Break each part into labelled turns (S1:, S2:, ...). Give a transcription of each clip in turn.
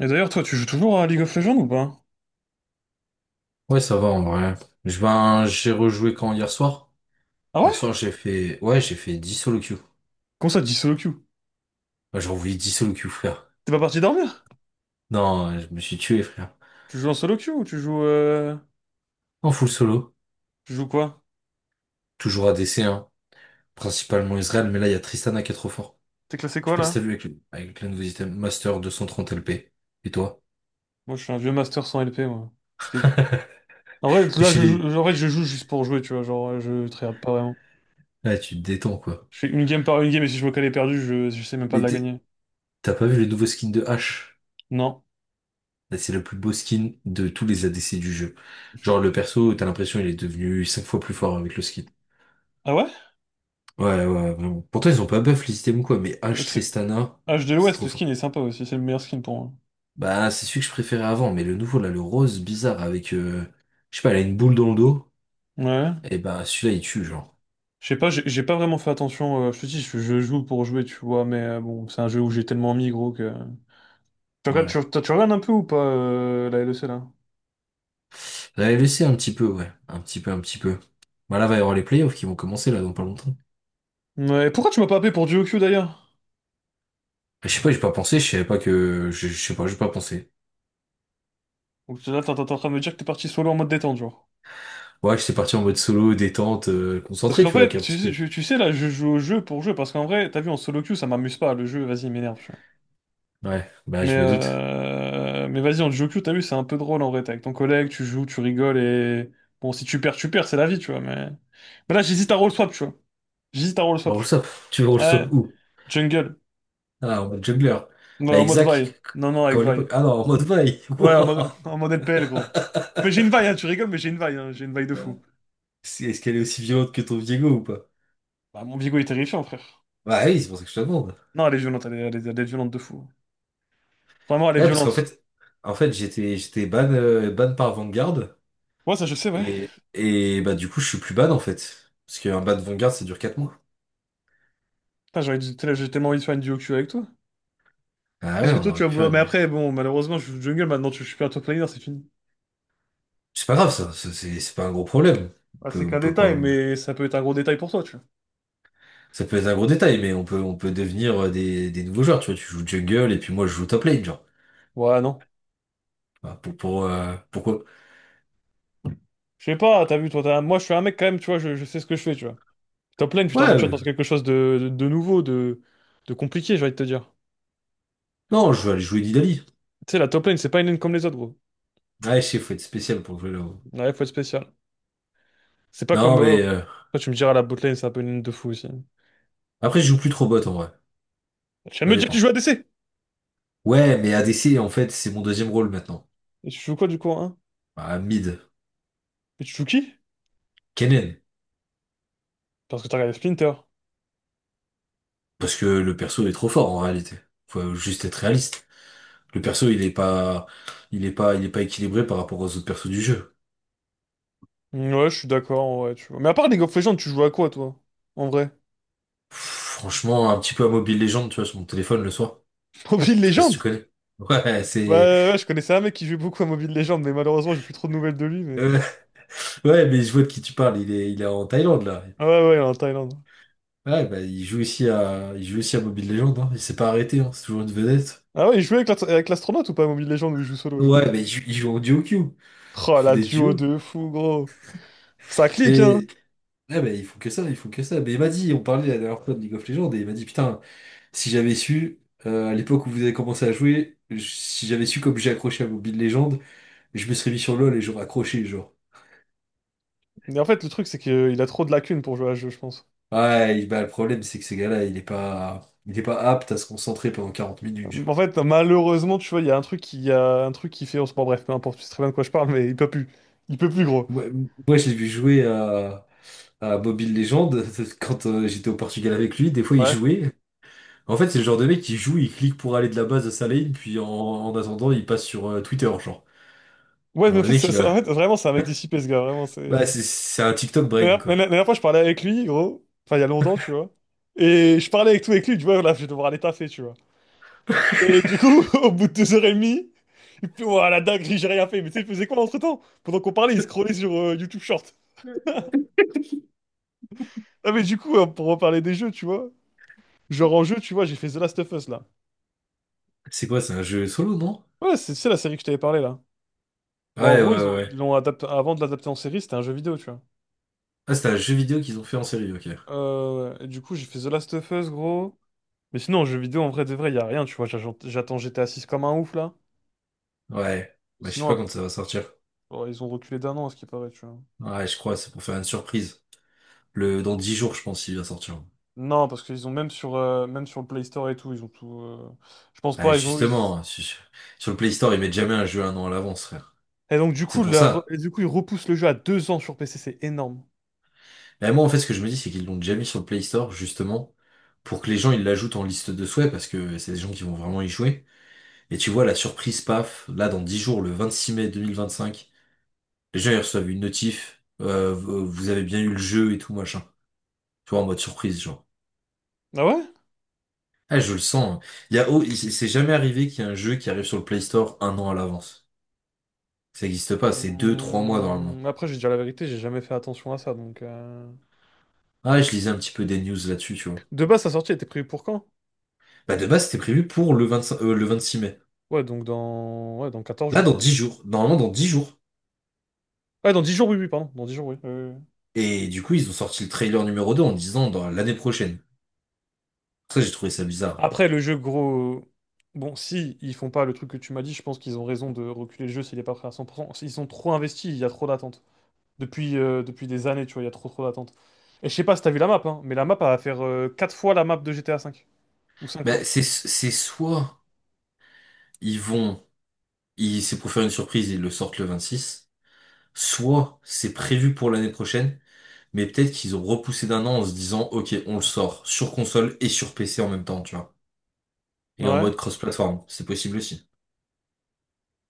S1: Et d'ailleurs, toi, tu joues toujours à League of Legends ou pas?
S2: Ouais, ça va en vrai. Je ben, j'ai rejoué quand hier soir?
S1: Ah ouais?
S2: Hier soir, ouais, j'ai fait 10 solo queue.
S1: Comment ça, tu dis solo queue?
S2: Ouais, j'ai envoyé 10 solo queue, frère.
S1: T'es pas parti dormir?
S2: Non, je me suis tué, frère.
S1: Tu joues en solo queue ou
S2: En full solo.
S1: tu joues quoi?
S2: Toujours ADC, hein. Principalement Israël, mais là, il y a Tristana qui est trop fort.
S1: T'es classé
S2: Je
S1: quoi
S2: sais pas si t'as
S1: là?
S2: vu avec le nouveau item Master 230 LP. Et toi?
S1: Moi, je suis un vieux master sans LP, moi. Je dégoûte. En vrai,
S2: Et
S1: là,
S2: chez les,
S1: en vrai, je joue juste pour jouer, tu vois. Genre, je tryhard pas vraiment.
S2: Là, tu te détends, quoi.
S1: Je fais une game par une game et si je vois qu'elle est perdue, je sais même pas de
S2: Mais
S1: la gagner.
S2: t'as pas vu le nouveau skin de H?
S1: Non.
S2: Là, c'est le plus beau skin de tous les ADC du jeu. Genre, le perso, t'as l'impression, il est devenu 5 fois plus fort avec le skin.
S1: Ah ouais?
S2: Ouais, ouais, vraiment. Pourtant, ils ont pas buff le système ou quoi, mais
S1: Euh,
S2: H
S1: C'est...
S2: Tristana,
S1: H de
S2: c'est
S1: l'Ouest,
S2: trop
S1: le
S2: fort.
S1: skin est sympa aussi. C'est le meilleur skin pour moi.
S2: Bah, c'est celui que je préférais avant, mais le nouveau, là, le rose bizarre avec, je sais pas, elle a une boule dans le dos,
S1: Ouais.
S2: et bah, celui-là, il tue, genre.
S1: Je sais pas, j'ai pas vraiment fait attention. Je te dis, je joue pour jouer, tu vois. Mais bon, c'est un jeu où j'ai tellement mis, gros, que. Tu regardes,
S2: Ouais.
S1: tu, toi, tu regardes un peu ou pas la LEC là?
S2: J'avais laissé un petit peu, ouais. Un petit peu, un petit peu. Bah, là, va y avoir les playoffs qui vont commencer, là, dans pas longtemps.
S1: Ouais, pourquoi tu m'as pas appelé pour du OQ d'ailleurs?
S2: Ah, je sais pas, j'ai pas pensé, je savais pas que, je sais pas, j'ai pas pensé.
S1: Donc là, t'es en train de me dire que t'es parti solo en mode détente, genre.
S2: Ouais, j'étais parti en mode solo, détente,
S1: Parce
S2: concentré,
S1: qu'en
S2: tu vois, avec
S1: fait,
S2: un
S1: tu,
S2: petit
S1: sais-
S2: peu.
S1: tu, tu sais, là, je joue au jeu pour jouer, parce qu'en vrai, t'as vu, en solo queue, ça m'amuse pas, le jeu, vas-y, il m'énerve, tu vois.
S2: Ouais, bah,
S1: Mais,
S2: je me doute.
S1: euh, mais vas-y, en duo queue, t'as vu, c'est un peu drôle en vrai, t'es avec ton collègue, tu joues, tu rigoles, et... Bon, si tu perds, tu perds, c'est la vie, tu vois, mais... Mais là, j'hésite à roll swap, tu vois. J'hésite à roll swap.
S2: Roll
S1: Tu
S2: swap, tu veux roll
S1: Ouais,
S2: swap où?
S1: jungle.
S2: Ah, en mode jongleur.
S1: Ouais, en
S2: Avec
S1: mode Vi.
S2: Zach,
S1: Non, non, avec
S2: quand à
S1: Vi.
S2: l'époque. Ah non, en mode vaille.
S1: Ouais, en mode,
S2: Wouah.
S1: en mode LPL, gros. Mais j'ai une vaille, hein, tu rigoles, mais j'ai une vaille, hein, j'ai une vaille de fou.
S2: Est-ce qu'elle est aussi violente que ton Diego ou pas?
S1: Bah, mon bigot est terrifiant, frère.
S2: Bah oui, c'est pour ça que je te demande.
S1: Non, elle est violente, elle est violente de fou. Vraiment, elle est
S2: Ouais, parce qu'en
S1: violente.
S2: fait, j'étais ban, ban par Vanguard.
S1: Ouais, ça, je sais, ouais.
S2: Et bah du coup, je suis plus ban en fait. Parce qu'un ban Vanguard, ça dure 4 mois.
S1: Putain, j'ai tellement envie de faire une duo queue avec toi.
S2: Ah
S1: Est-ce
S2: ouais,
S1: que
S2: on
S1: toi, tu
S2: aurait
S1: vas
S2: pu faire
S1: vouloir... Mais
S2: une.
S1: après, bon, malheureusement, je jungle, maintenant, je suis plus un top laner, c'est fini.
S2: C'est pas grave ça, c'est pas un gros problème. On
S1: Ah, c'est
S2: peut, on
S1: qu'un
S2: peut quand
S1: détail,
S2: même.
S1: mais ça peut être un gros détail pour toi, tu
S2: Ça peut être un gros détail, mais on peut devenir des nouveaux joueurs. Tu vois, tu joues jungle et puis moi je joue top lane, genre.
S1: vois. Ouais, non.
S2: Bah, pourquoi?
S1: Je sais pas, t'as vu, toi, moi, je suis un mec, quand même, tu vois, je sais ce que je fais, tu vois. Top lane, tu
S2: Ouais,
S1: t'aventures dans quelque chose de nouveau, de compliqué, j'ai envie de te dire.
S2: non, je vais aller jouer Nidalee.
S1: Tu sais, la top lane, c'est pas une lane comme les autres, gros.
S2: Ouais, je sais, faut être spécial pour jouer là-haut.
S1: Ouais, faut être spécial. C'est pas comme.
S2: Non, mais
S1: Après, tu me diras, la botlane, c'est un peu une ligne de fou aussi.
S2: après, je joue plus trop bot en vrai.
S1: Tu viens de
S2: Ça
S1: me dire que tu
S2: dépend.
S1: joues à ADC!
S2: Ouais, mais ADC, en fait, c'est mon deuxième rôle maintenant.
S1: Et tu joues quoi du coup, hein?
S2: Bah, mid.
S1: Et tu joues qui?
S2: Kennen.
S1: Parce que t'as regardé Splinter.
S2: Parce que le perso est trop fort en réalité. Faut juste être réaliste. Le perso, il est pas, il est pas, il est pas équilibré par rapport aux autres persos du jeu.
S1: Mm, ouais, je suis d'accord, ouais, tu vois. Mais à part League of Legends, tu joues à quoi, toi? En vrai?
S2: Pff, franchement, un petit peu à Mobile Legends, tu vois, sur mon téléphone le soir.
S1: Mobile
S2: Je sais pas si tu
S1: Legends?
S2: connais. Ouais,
S1: Ouais, ouais, ouais, je connaissais un mec qui jouait beaucoup à Mobile Legends, mais malheureusement, j'ai plus trop de nouvelles de lui, mais.
S2: euh, ouais, mais je vois de qui tu parles. Il est en Thaïlande là.
S1: Ah ouais, ouais, il est en Thaïlande.
S2: Ouais, bah, il joue aussi à Mobile Legends, hein. Il s'est pas arrêté, hein. C'est toujours une vedette.
S1: Ah ouais, il jouait avec avec l'astronaute ou pas à Mobile Legends où il joue solo, genre?
S2: Ouais, mais il joue en duo queue. Ils
S1: Oh,
S2: font
S1: la
S2: des
S1: duo
S2: duos.
S1: de fou, gros! Ça clique, hein!
S2: Mais, ouais, bah, ils font que ça, ils font que ça. Mais il m'a dit, on parlait la dernière fois de League of Legends, et il m'a dit, putain, si j'avais su, à l'époque où vous avez commencé à jouer, si j'avais su comme j'ai accroché à Mobile Legends, je me serais mis sur LoL et j'aurais accroché, genre.
S1: Mais en fait, le truc, c'est qu'il a trop de lacunes pour jouer à ce jeu, je pense.
S2: Ouais, bah, le problème, c'est que ces gars-là, il est pas apte à se concentrer pendant 40 minutes, genre.
S1: En fait, malheureusement, tu vois, il y a un truc qui fait en sport, bref, peu importe, tu sais très bien de quoi je parle, mais il peut plus. Il peut plus, gros.
S2: Moi, moi, je l'ai vu jouer à Mobile Legends, quand j'étais au Portugal avec lui, des fois il
S1: Ouais.
S2: jouait. En fait, c'est le genre de mec qui joue, il clique pour aller de la base à sa lane, puis en attendant, il passe sur Twitter, genre.
S1: Ouais, mais
S2: Alors
S1: en
S2: le
S1: fait,
S2: mec, il a.
S1: en fait vraiment, c'est un mec dissipé, ce gars, vraiment,
S2: Bah,
S1: c'est...
S2: c'est un TikTok
S1: La
S2: brain,
S1: dernière, la
S2: quoi.
S1: la dernière fois, je parlais avec lui, gros, enfin, il y a longtemps, tu vois, et je parlais avec tout avec lui, tu vois, là, je vais devoir aller taffer, tu vois. Et du coup, au bout de 2 heures et demie, il fait, ouah, la dinguerie, j'ai rien fait, mais tu sais, il faisait quoi entre-temps? Pendant qu'on parlait, il scrollait sur YouTube Short. Ah, mais du coup, pour reparler des jeux, tu vois, genre en jeu, tu vois, j'ai fait The Last of Us, là.
S2: C'est quoi, c'est un jeu solo, non?
S1: Ouais, c'est la série que je t'avais parlé, là. Bah, en
S2: Ouais, ouais,
S1: gros, ils
S2: ouais.
S1: ont, ils
S2: ouais.
S1: l'ont adapté, avant de l'adapter en série, c'était un jeu vidéo, tu vois.
S2: Ah, c'est un jeu vidéo qu'ils ont fait en série, ok.
S1: Ouais. Et du coup, j'ai fait The Last of Us, gros. Mais sinon, en jeu vidéo, en vrai de vrai, y a rien, tu vois. J'attends GTA 6 comme un ouf, là.
S2: Ouais.
S1: Et
S2: Bah, je sais pas
S1: sinon,
S2: quand ça va sortir.
S1: ils ont reculé d'un an, à ce qui paraît, tu vois.
S2: Ouais, je crois, c'est pour faire une surprise. Dans 10 jours, je pense, il va sortir.
S1: Non, parce qu'ils ont même sur le Play Store et tout, ils ont tout. Je pense
S2: Ah,
S1: pas.
S2: justement, sur le Play Store, ils mettent jamais un jeu un an à l'avance, frère.
S1: Et donc, du
S2: C'est
S1: coup,
S2: pour ça.
S1: ils repoussent le jeu à 2 ans sur PC, c'est énorme.
S2: Bah, moi, en fait, ce que je me dis, c'est qu'ils l'ont déjà mis sur le Play Store, justement, pour que les gens, ils l'ajoutent en liste de souhaits, parce que c'est des gens qui vont vraiment y jouer. Et tu vois, la surprise, paf, là, dans 10 jours, le 26 mai 2025, les gens, ils reçoivent une notif, vous avez bien eu le jeu et tout, machin. Tu vois, en mode surprise, genre.
S1: Ah ouais?
S2: Ah, je le sens, hein. Il oh, c'est jamais arrivé qu'il y ait un jeu qui arrive sur le Play Store un an à l'avance. Ça n'existe pas, c'est 2, 3 mois normalement.
S1: Mmh, Après, j'ai dit la vérité, j'ai jamais fait attention à ça, donc.
S2: Ah, je lisais un petit peu des news là-dessus, tu vois.
S1: De base, sa sortie était prévue pour quand?
S2: Bah, de base, c'était prévu pour le 25, le 26 mai.
S1: Ouais, Ouais, dans 14
S2: Là,
S1: jours,
S2: dans
S1: quoi.
S2: 10 jours. Normalement, dans 10 jours.
S1: Ouais, dans 10 jours, oui, oui, pardon. Dans 10 jours, oui, oui, oui, oui.
S2: Et du coup, ils ont sorti le trailer numéro 2 en disant dans l'année prochaine. Ça, j'ai trouvé ça bizarre.
S1: Après, le jeu, gros... Bon, si ils font pas le truc que tu m'as dit, je pense qu'ils ont raison de reculer le jeu s'il est pas prêt à 100 %. Ils sont trop investis, il y a trop d'attentes. Depuis des années, tu vois, il y a trop trop d'attentes. Et je sais pas si t'as vu la map, hein, mais la map, elle va faire 4 fois la map de GTA 5. Ou 5
S2: Bah,
S1: fois.
S2: c'est soit ils vont, c'est pour faire une surprise, ils le sortent le 26. Soit c'est prévu pour l'année prochaine, mais peut-être qu'ils ont repoussé d'un an en se disant, OK, on le sort sur console et sur PC en même temps, tu vois. Et en
S1: Ouais.
S2: mode cross-platform, c'est possible aussi.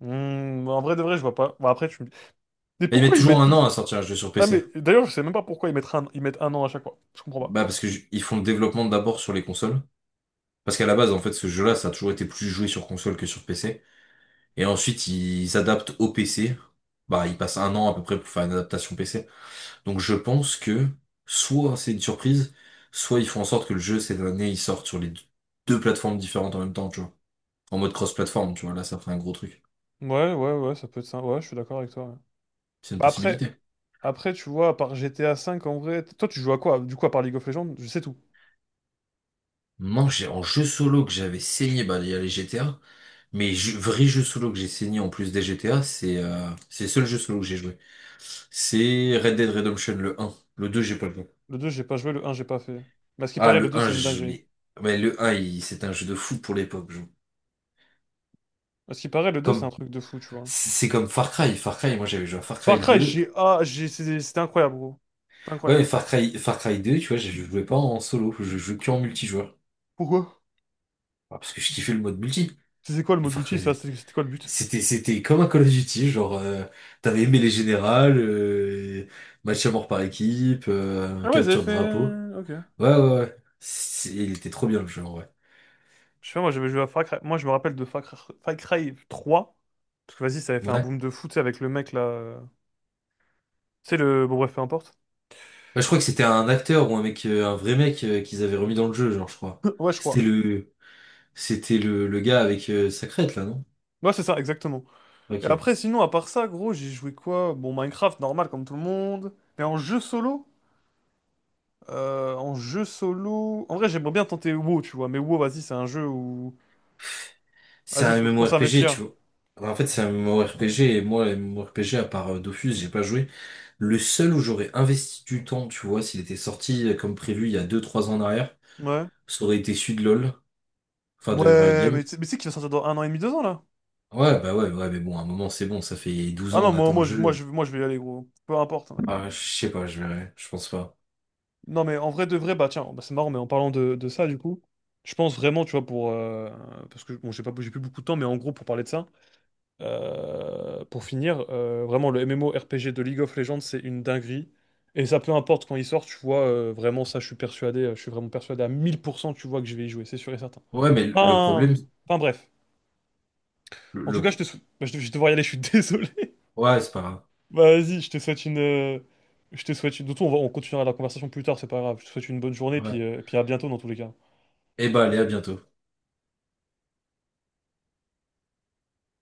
S1: En vrai de vrai, je vois pas. Bon, après, tu me dis... Mais
S2: Mais ils
S1: pourquoi
S2: mettent
S1: ils
S2: toujours
S1: mettent
S2: un
S1: tout...
S2: an à sortir un jeu sur
S1: Ah,
S2: PC.
S1: mais d'ailleurs, je sais même pas pourquoi ils mettent un an à chaque fois. Je comprends pas.
S2: Bah, parce que ils font le développement d'abord sur les consoles. Parce qu'à la base, en fait, ce jeu-là, ça a toujours été plus joué sur console que sur PC. Et ensuite, ils s'adaptent au PC. Bah, ils passent un an à peu près pour faire une adaptation PC. Donc je pense que soit c'est une surprise, soit ils font en sorte que le jeu, cette année, il sorte sur les deux plateformes différentes en même temps, tu vois. En mode cross-plateforme, tu vois, là, ça ferait un gros truc.
S1: Ouais, ouais, ouais, ça peut être ça. Ouais, je suis d'accord avec toi, ouais.
S2: C'est une
S1: Bah après,
S2: possibilité.
S1: Après, tu vois, à part GTA V, en vrai, toi, tu joues à quoi? Du coup, à part League of Legends, je sais tout.
S2: Non, j'ai en jeu solo que j'avais saigné, bah, il y a les GTA. Mais vrai jeu solo que j'ai saigné en plus des GTA, c'est le seul jeu solo que j'ai joué. C'est Red Dead Redemption le un. Le 2 j'ai pas le temps.
S1: Le 2 j'ai pas joué, le un j'ai pas fait. Mais à ce qui
S2: Ah,
S1: paraît, le
S2: le
S1: deux
S2: un
S1: c'est une
S2: je
S1: dinguerie.
S2: l'ai. Mais le un, c'était un jeu de fou pour l'époque.
S1: À ce qui paraît, le 2 c'est un
S2: Comme,
S1: truc de fou, tu vois.
S2: c'est comme Far Cry. Far Cry, moi j'avais joué à Far Cry
S1: Far Cry,
S2: 2.
S1: j'ai... Ah, j'ai... c'est- C'était incroyable, gros. C'était
S2: Ouais,
S1: incroyable.
S2: mais Far Cry 2, tu vois, je jouais pas en solo, je jouais que en multijoueur.
S1: Pourquoi?
S2: Ah, parce que je kiffais le mode multi
S1: C'était quoi le
S2: de
S1: mode
S2: Far
S1: multi?
S2: Cry
S1: Ça,
S2: 2.
S1: c'était quoi le but?
S2: C'était comme un Call of Duty, genre, t'avais aimé les générales, match à mort par équipe,
S1: Ah ouais, ils avaient
S2: capture de drapeau.
S1: fait... Ok.
S2: Ouais, ouais, ouais. Il était trop bien le jeu, en vrai.
S1: Je sais pas, moi, j'avais joué à Far Cry... Moi, je me rappelle de Far Cry 3. Parce que, vas-y, ça avait fait un
S2: Ouais.
S1: boom de fou, tu sais, avec le mec, là... Tu sais, bon, bref, peu importe.
S2: Bah, je crois que c'était un acteur ou un mec, un vrai mec qu'ils avaient remis dans le jeu, genre, je crois.
S1: Ouais, je
S2: C'était
S1: crois.
S2: le, c'était le gars avec sa crête, là, non?
S1: Ouais, c'est ça, exactement. Et
S2: Ok.
S1: après, sinon, à part ça, gros, j'ai joué quoi? Bon, Minecraft, normal, comme tout le monde. Mais en jeu solo? En vrai, j'aimerais bien tenter WoW, tu vois. Mais WoW, vas-y, c'est un jeu où...
S2: C'est
S1: Vas-y,
S2: un
S1: faut trop
S2: MMORPG, tu
S1: s'investir.
S2: vois. Enfin, en fait, c'est un MMORPG, et moi, les MMORPG, à part Dofus, j'ai pas joué. Le seul où j'aurais investi du temps, tu vois, s'il était sorti comme prévu il y a 2, 3 ans en arrière,
S1: Ouais.
S2: ça aurait été celui de LoL, enfin de Riot
S1: Ouais,
S2: Games.
S1: mais tu sais qu'il va sortir dans un an et demi, 2 ans, là?
S2: Ouais, bah ouais, ouais, mais bon, à un moment, c'est bon, ça fait 12
S1: Ah
S2: ans,
S1: non,
S2: on
S1: moi,
S2: attend le
S1: moi, je, moi, je,
S2: jeu.
S1: moi, je vais y aller, gros. Peu importe, hein.
S2: Ah, je sais pas, je verrai, je pense pas.
S1: Non, mais en vrai, de vrai, bah tiens, bah, c'est marrant, mais en parlant de ça, du coup, je pense vraiment, tu vois, parce que, bon, j'ai pas, j'ai plus beaucoup de temps, mais en gros, pour parler de ça... Pour finir, vraiment le MMORPG de League of Legends, c'est une dinguerie. Et ça, peu importe quand il sort, tu vois, vraiment ça, je suis persuadé, je suis vraiment persuadé à 1000%, tu vois, que je vais y jouer, c'est sûr et certain.
S2: Ouais, mais le
S1: Enfin,
S2: problème,
S1: enfin, bref.
S2: le,
S1: En tout
S2: le
S1: cas,
S2: pro-
S1: bah, je vais devoir y aller, je suis désolé.
S2: ouais, c'est pas grave.
S1: Bah, vas-y, Je te souhaite une... De toute façon, on continuera la conversation plus tard, c'est pas grave. Je te souhaite une bonne journée,
S2: Ouais.
S1: puis à bientôt dans tous les cas.
S2: Eh ben, allez, à bientôt.